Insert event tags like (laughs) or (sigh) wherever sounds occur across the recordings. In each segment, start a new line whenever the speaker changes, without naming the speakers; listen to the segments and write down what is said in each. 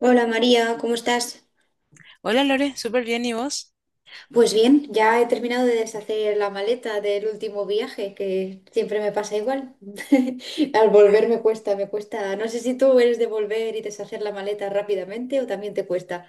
Hola María, ¿cómo estás?
Hola Lore, súper bien, ¿y vos?
Pues bien, ya he terminado de deshacer la maleta del último viaje, que siempre me pasa igual. (laughs) Al volver me cuesta, me cuesta. No sé si tú eres de volver y deshacer la maleta rápidamente o también te cuesta.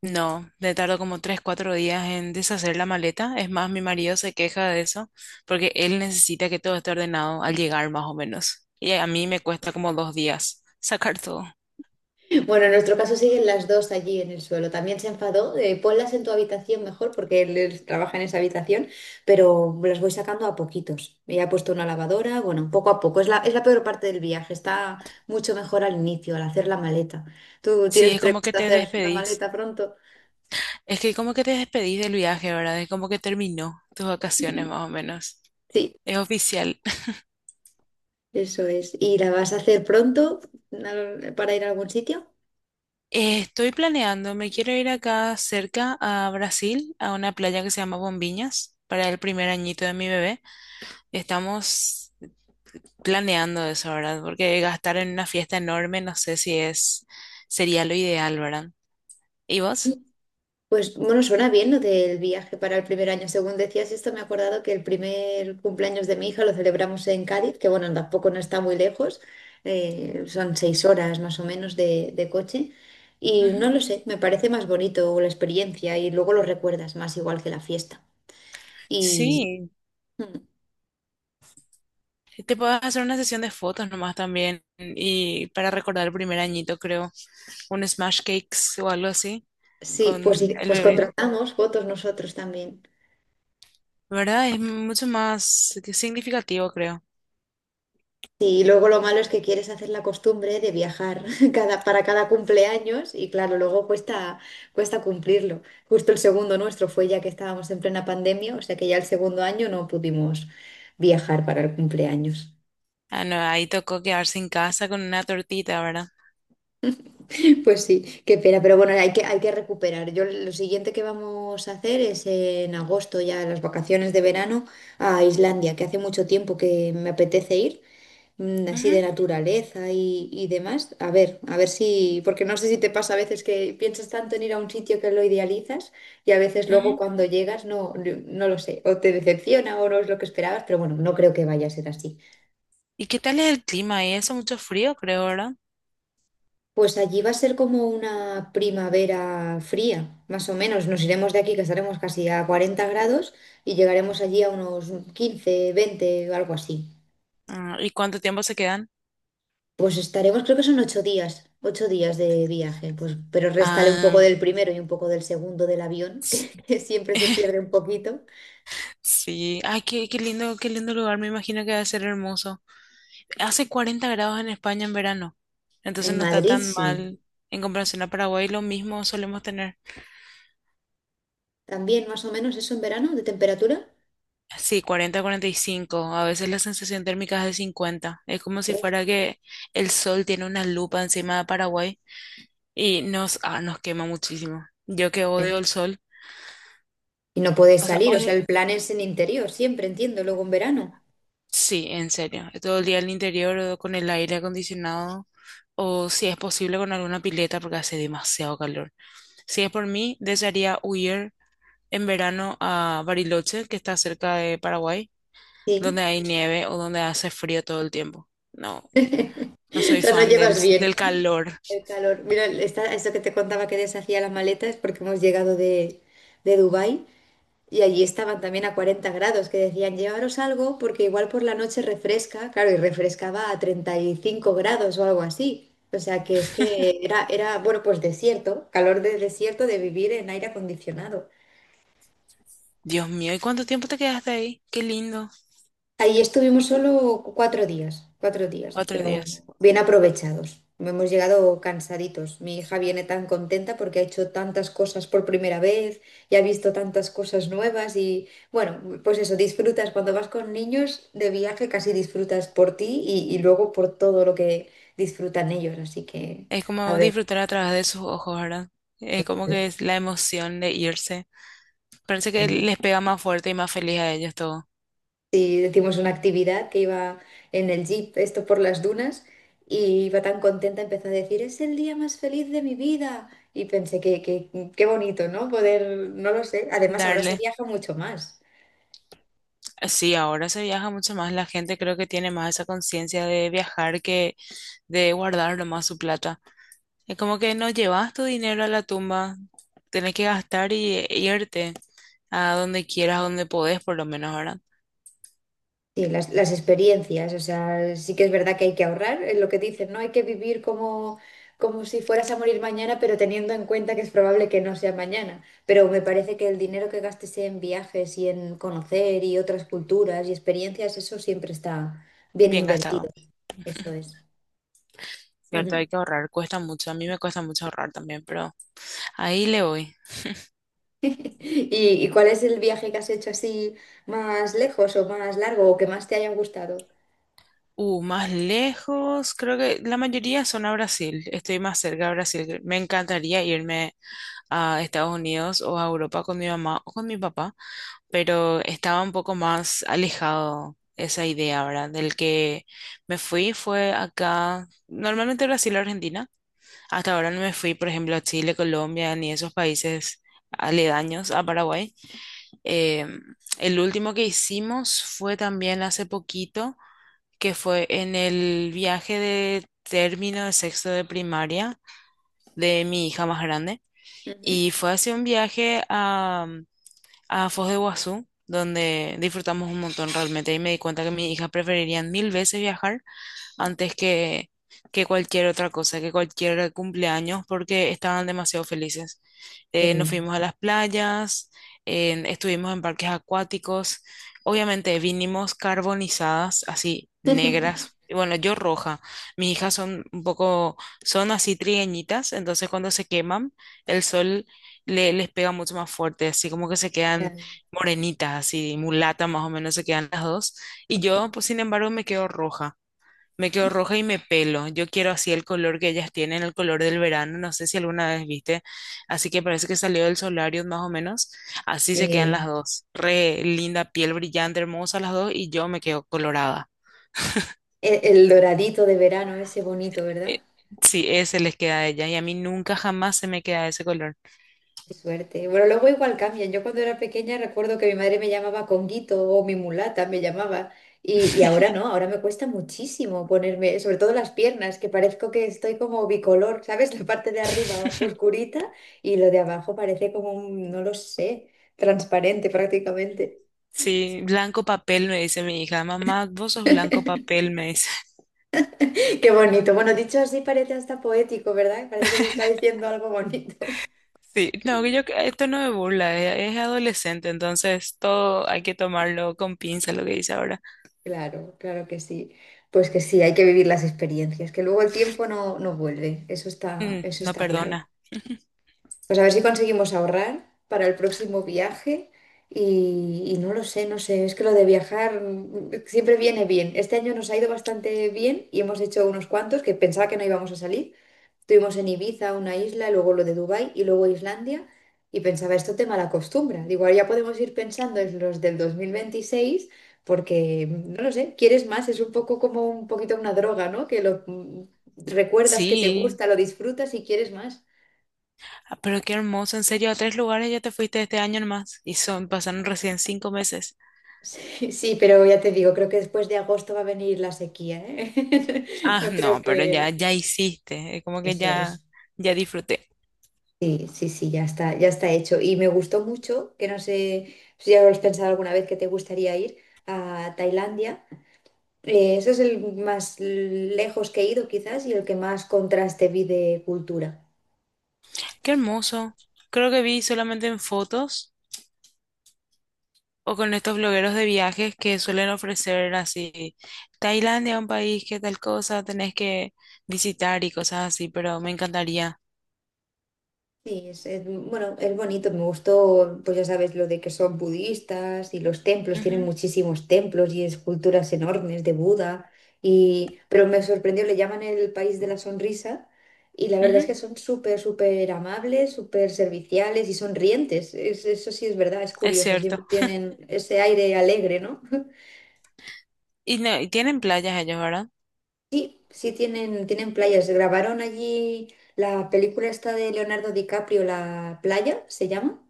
No, me tardo como 3, 4 días en deshacer la maleta. Es más, mi marido se queja de eso porque él necesita que todo esté ordenado al llegar más o menos. Y a mí me cuesta como 2 días sacar todo.
Bueno, en nuestro caso siguen las dos allí en el suelo. También se enfadó, ponlas en tu habitación mejor porque él trabaja en esa habitación, pero las voy sacando a poquitos. Ya he puesto una lavadora, bueno, poco a poco. Es la peor parte del viaje, está mucho mejor al inicio, al hacer la maleta. ¿Tú
Sí,
tienes
es como que
previsto
te
hacer la
despedís.
maleta pronto?
Es que como que te despedís del viaje, ¿verdad? Es como que terminó tus vacaciones más o menos.
Sí,
Es oficial. (laughs)
eso es. ¿Y la vas a hacer pronto para ir a algún sitio?
Estoy planeando, me quiero ir acá cerca a Brasil, a una playa que se llama Bombiñas, para el primer añito de mi bebé. Estamos planeando eso, ¿verdad? Porque gastar en una fiesta enorme, no sé si es, sería lo ideal, ¿verdad? ¿Y vos?
Pues bueno, suena bien lo del viaje para el primer año. Según decías esto, me he acordado que el primer cumpleaños de mi hija lo celebramos en Cádiz, que bueno, tampoco no está muy lejos, son 6 horas más o menos de coche. Y
Ujú.
no lo sé, me parece más bonito la experiencia y luego lo recuerdas más igual que la fiesta. Y
Sí,
mm,
te puedes hacer una sesión de fotos nomás también y para recordar el primer añito, creo, un smash cakes o algo así con
sí,
el
pues
bebé,
contratamos fotos nosotros también.
¿verdad? Es mucho más significativo, creo.
Sí, y luego lo malo es que quieres hacer la costumbre de viajar (laughs) para cada cumpleaños y claro, luego cuesta cumplirlo. Justo el segundo nuestro fue ya que estábamos en plena pandemia, o sea que ya el segundo año no pudimos viajar para el cumpleaños.
Ah, no, ahí tocó quedarse en casa con una tortita, ¿verdad?
(laughs) Pues sí, qué pena, pero bueno, hay que recuperar. Yo lo siguiente que vamos a hacer es en agosto, ya las vacaciones de verano, a Islandia, que hace mucho tiempo que me apetece ir así de
Ujú,
naturaleza y demás. A ver si, porque no sé si te pasa a veces que piensas tanto en ir a un sitio que lo idealizas y a veces luego
ujú.
cuando llegas no lo sé, o te decepciona o no es lo que esperabas, pero bueno, no creo que vaya a ser así.
¿Y qué tal es el clima? Ahí hace mucho frío, creo, ¿verdad?
Pues allí va a ser como una primavera fría, más o menos. Nos iremos de aquí, que estaremos casi a 40 grados, y llegaremos allí a unos 15 20 o algo así.
Ah, ¿y cuánto tiempo se quedan?
Pues estaremos, creo que son 8 días, 8 días de viaje, pues, pero réstale un poco
Ah,
del primero y un poco del segundo del avión, (laughs) que siempre se pierde
(laughs)
un poquito.
Sí, ay, qué, qué lindo lugar, me imagino que va a ser hermoso. Hace 40 grados en España en verano, entonces
En
no está
Madrid
tan
sí,
mal en comparación a Paraguay, lo mismo solemos tener.
también más o menos eso en verano de temperatura.
Sí, 40, 45, a veces la sensación térmica es de 50, es como si fuera
Uf,
que el sol tiene una lupa encima de Paraguay y nos, nos quema muchísimo. Yo que odio el sol,
y no puedes
o sea,
salir, o
odio.
sea, el plan es en interior, siempre entiendo, luego en verano.
Sí, en serio. Todo el día al interior o con el aire acondicionado o si es posible con alguna pileta porque hace demasiado calor. Si es por mí, desearía huir en verano a Bariloche, que está cerca de Paraguay, donde
Sí,
hay nieve o donde hace frío todo el tiempo. No, no
(laughs) o
soy
sea, no
fan del,
llevas bien
del calor.
el calor. Mira, esto que te contaba que deshacía las maletas porque hemos llegado de Dubái. Y allí estaban también a 40 grados, que decían, llevaros algo porque igual por la noche refresca, claro, y refrescaba a 35 grados o algo así. O sea que es que era, era, bueno, pues desierto, calor de desierto de vivir en aire acondicionado.
Dios mío, ¿y cuánto tiempo te quedaste ahí? Qué lindo.
Ahí estuvimos solo 4 días, 4 días,
Cuatro
pero
días.
bien aprovechados. Hemos llegado cansaditos. Mi hija viene tan contenta porque ha hecho tantas cosas por primera vez y ha visto tantas cosas nuevas y bueno, pues eso, disfrutas cuando vas con niños de viaje, casi disfrutas por ti y luego por todo lo que disfrutan ellos. Así que,
Es
a
como
ver.
disfrutar a través de sus ojos, ¿verdad? Es como que es la emoción de irse. Parece que les pega más fuerte y más feliz a ellos todo.
Y hicimos una actividad que iba en el jeep, esto por las dunas, y iba tan contenta, empezó a decir, es el día más feliz de mi vida. Y pensé que, qué bonito, ¿no? Poder, no lo sé. Además, ahora se
Darle.
viaja mucho más.
Sí, ahora se viaja mucho más. La gente creo que tiene más esa conciencia de viajar que de guardar nomás su plata. Es como que no llevas tu dinero a la tumba. Tenés que gastar y e irte a donde quieras, a donde podés, por lo menos ahora.
Sí, las experiencias, o sea, sí que es verdad que hay que ahorrar, es lo que dicen, no hay que vivir como si fueras a morir mañana, pero teniendo en cuenta que es probable que no sea mañana. Pero me parece que el dinero que gastes en viajes y en conocer y otras culturas y experiencias, eso siempre está bien
Bien
invertido,
gastado.
eso es.
Cierto,
Ujú.
hay que ahorrar. Cuesta mucho. A mí me cuesta mucho ahorrar también, pero ahí le voy.
(laughs) ¿Y cuál es el viaje que has hecho así más lejos o más largo o que más te haya gustado?
Más lejos, creo que la mayoría son a Brasil. Estoy más cerca a Brasil. Me encantaría irme a Estados Unidos o a Europa con mi mamá o con mi papá, pero estaba un poco más alejado esa idea, ¿verdad? Del que me fui fue acá, normalmente Brasil o Argentina, hasta ahora no me fui, por ejemplo, a Chile, Colombia, ni esos países aledaños a Paraguay. Eh, el último que hicimos fue también hace poquito, que fue en el viaje de término de sexto de primaria de mi hija más grande.
Ujú.
Y fue hacia un viaje a Foz de Iguazú, donde disfrutamos un montón realmente. Y me di cuenta que mis hijas preferirían mil veces viajar antes que, cualquier otra cosa, que cualquier cumpleaños, porque estaban demasiado felices. Nos
Sí.
fuimos a las playas, estuvimos en parques acuáticos, obviamente vinimos carbonizadas, así negras,
(laughs)
y bueno, yo roja, mis hijas son un poco, son así trigueñitas, entonces cuando se queman, el sol les pega mucho más fuerte, así como que se quedan
Claro.
morenitas, así mulatas más o menos se quedan las dos, y yo, pues sin embargo, me quedo roja. Me quedo roja y me pelo. Yo quiero así el color que ellas tienen, el color del verano. No sé si alguna vez viste. Así que parece que salió del solarium más o menos. Así se quedan las
Sí.
dos. Re linda piel brillante, hermosa las dos. Y yo me quedo colorada.
El doradito de verano, ese bonito, ¿verdad?
Eh, sí, ese les queda a ellas. Y a mí nunca jamás se me queda ese color.
Qué suerte. Bueno, luego igual cambian. Yo cuando era pequeña recuerdo que mi madre me llamaba Conguito o mi mulata me llamaba. Y ahora no, ahora me cuesta muchísimo ponerme, sobre todo las piernas, que parezco que estoy como bicolor, ¿sabes? (laughs) La parte de arriba
(laughs)
oscurita y lo de abajo parece como un, no lo sé, transparente prácticamente.
Sí, blanco papel, me dice mi hija. Mamá, vos sos blanco papel, me dice. (laughs)
(laughs) Qué bonito. Bueno, dicho así parece hasta poético, ¿verdad? Parece que te está diciendo algo bonito.
Sí, no, que yo, que esto no me burla, es adolescente, entonces todo hay que tomarlo con pinza, lo que dice ahora.
Claro, claro que sí. Pues que sí, hay que vivir las experiencias, que luego el tiempo no vuelve, eso
No
está claro.
perdona.
Pues a ver si conseguimos ahorrar para el próximo viaje y no lo sé, no sé, es que lo de viajar siempre viene bien. Este año nos ha ido bastante bien y hemos hecho unos cuantos que pensaba que no íbamos a salir. Estuvimos en Ibiza, una isla, luego lo de Dubái y luego Islandia. Y pensaba, esto te malacostumbra. Digo, ahora ya podemos ir pensando en los del 2026 porque, no lo sé, quieres más. Es un poco como un poquito una droga, ¿no? Que lo recuerdas que te
Sí,
gusta, lo disfrutas y quieres más.
ah, pero qué hermoso. En serio, a tres lugares ya te fuiste este año nomás y son, pasaron recién 5 meses.
Sí, (laughs) sí, pero ya te digo, creo que después de agosto va a venir la sequía, ¿eh? (laughs)
Ah,
No creo
no, pero ya,
que...
ya hiciste. Es como que
Eso
ya,
es.
ya disfruté.
Sí, sí, sí, ya está hecho. Y me gustó mucho, que no sé si ya lo has pensado alguna vez que te gustaría ir a Tailandia. Ese es el más lejos que he ido quizás y el que más contraste vi de cultura.
Qué hermoso. Creo que vi solamente en fotos o con estos blogueros de viajes que suelen ofrecer así, Tailandia, un país que tal cosa tenés que visitar y cosas así, pero me encantaría.
Sí, bueno, es bonito, me gustó, pues ya sabes, lo de que son budistas y los templos, tienen
Ujú,
muchísimos templos y esculturas enormes de Buda, y, pero me sorprendió, le llaman el país de la sonrisa y la verdad es
ujú,
que son súper, súper amables, súper serviciales y sonrientes, eso sí es verdad, es
es
curioso, siempre
cierto.
tienen ese aire alegre, ¿no? (laughs)
Y, no, y tienen playas ellos, ¿verdad?
Sí, sí tienen playas, grabaron allí la película esta de Leonardo DiCaprio, La playa, se llama.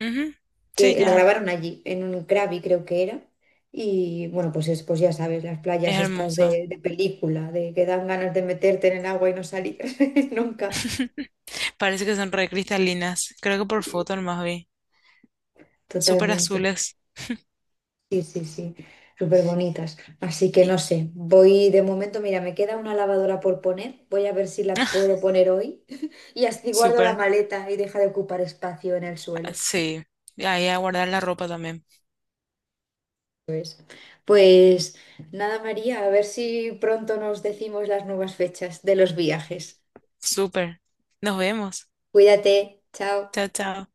Ujú,
Que
sí,
la
ya.
grabaron allí, en un Krabi creo que era. Y bueno, pues ya sabes, las
Es
playas estas
hermoso.
de película, de que dan ganas de meterte en el agua y no salir (laughs) nunca.
(laughs) Parece que son re cristalinas. Creo que por foto nomás vi. Súper
Totalmente.
azules.
Sí, sí, sí. Súper bonitas. Así que
Y-
no sé, voy de momento, mira, me queda una lavadora por poner. Voy a ver si la
(laughs)
puedo poner hoy. (laughs) Y así guardo la
Súper.
maleta y deja de ocupar espacio en el suelo.
Sí. Ahí a guardar la ropa también.
Pues, pues nada, María, a ver si pronto nos decimos las nuevas fechas de los viajes.
Súper. Nos vemos.
Cuídate, chao.
Chao, chao.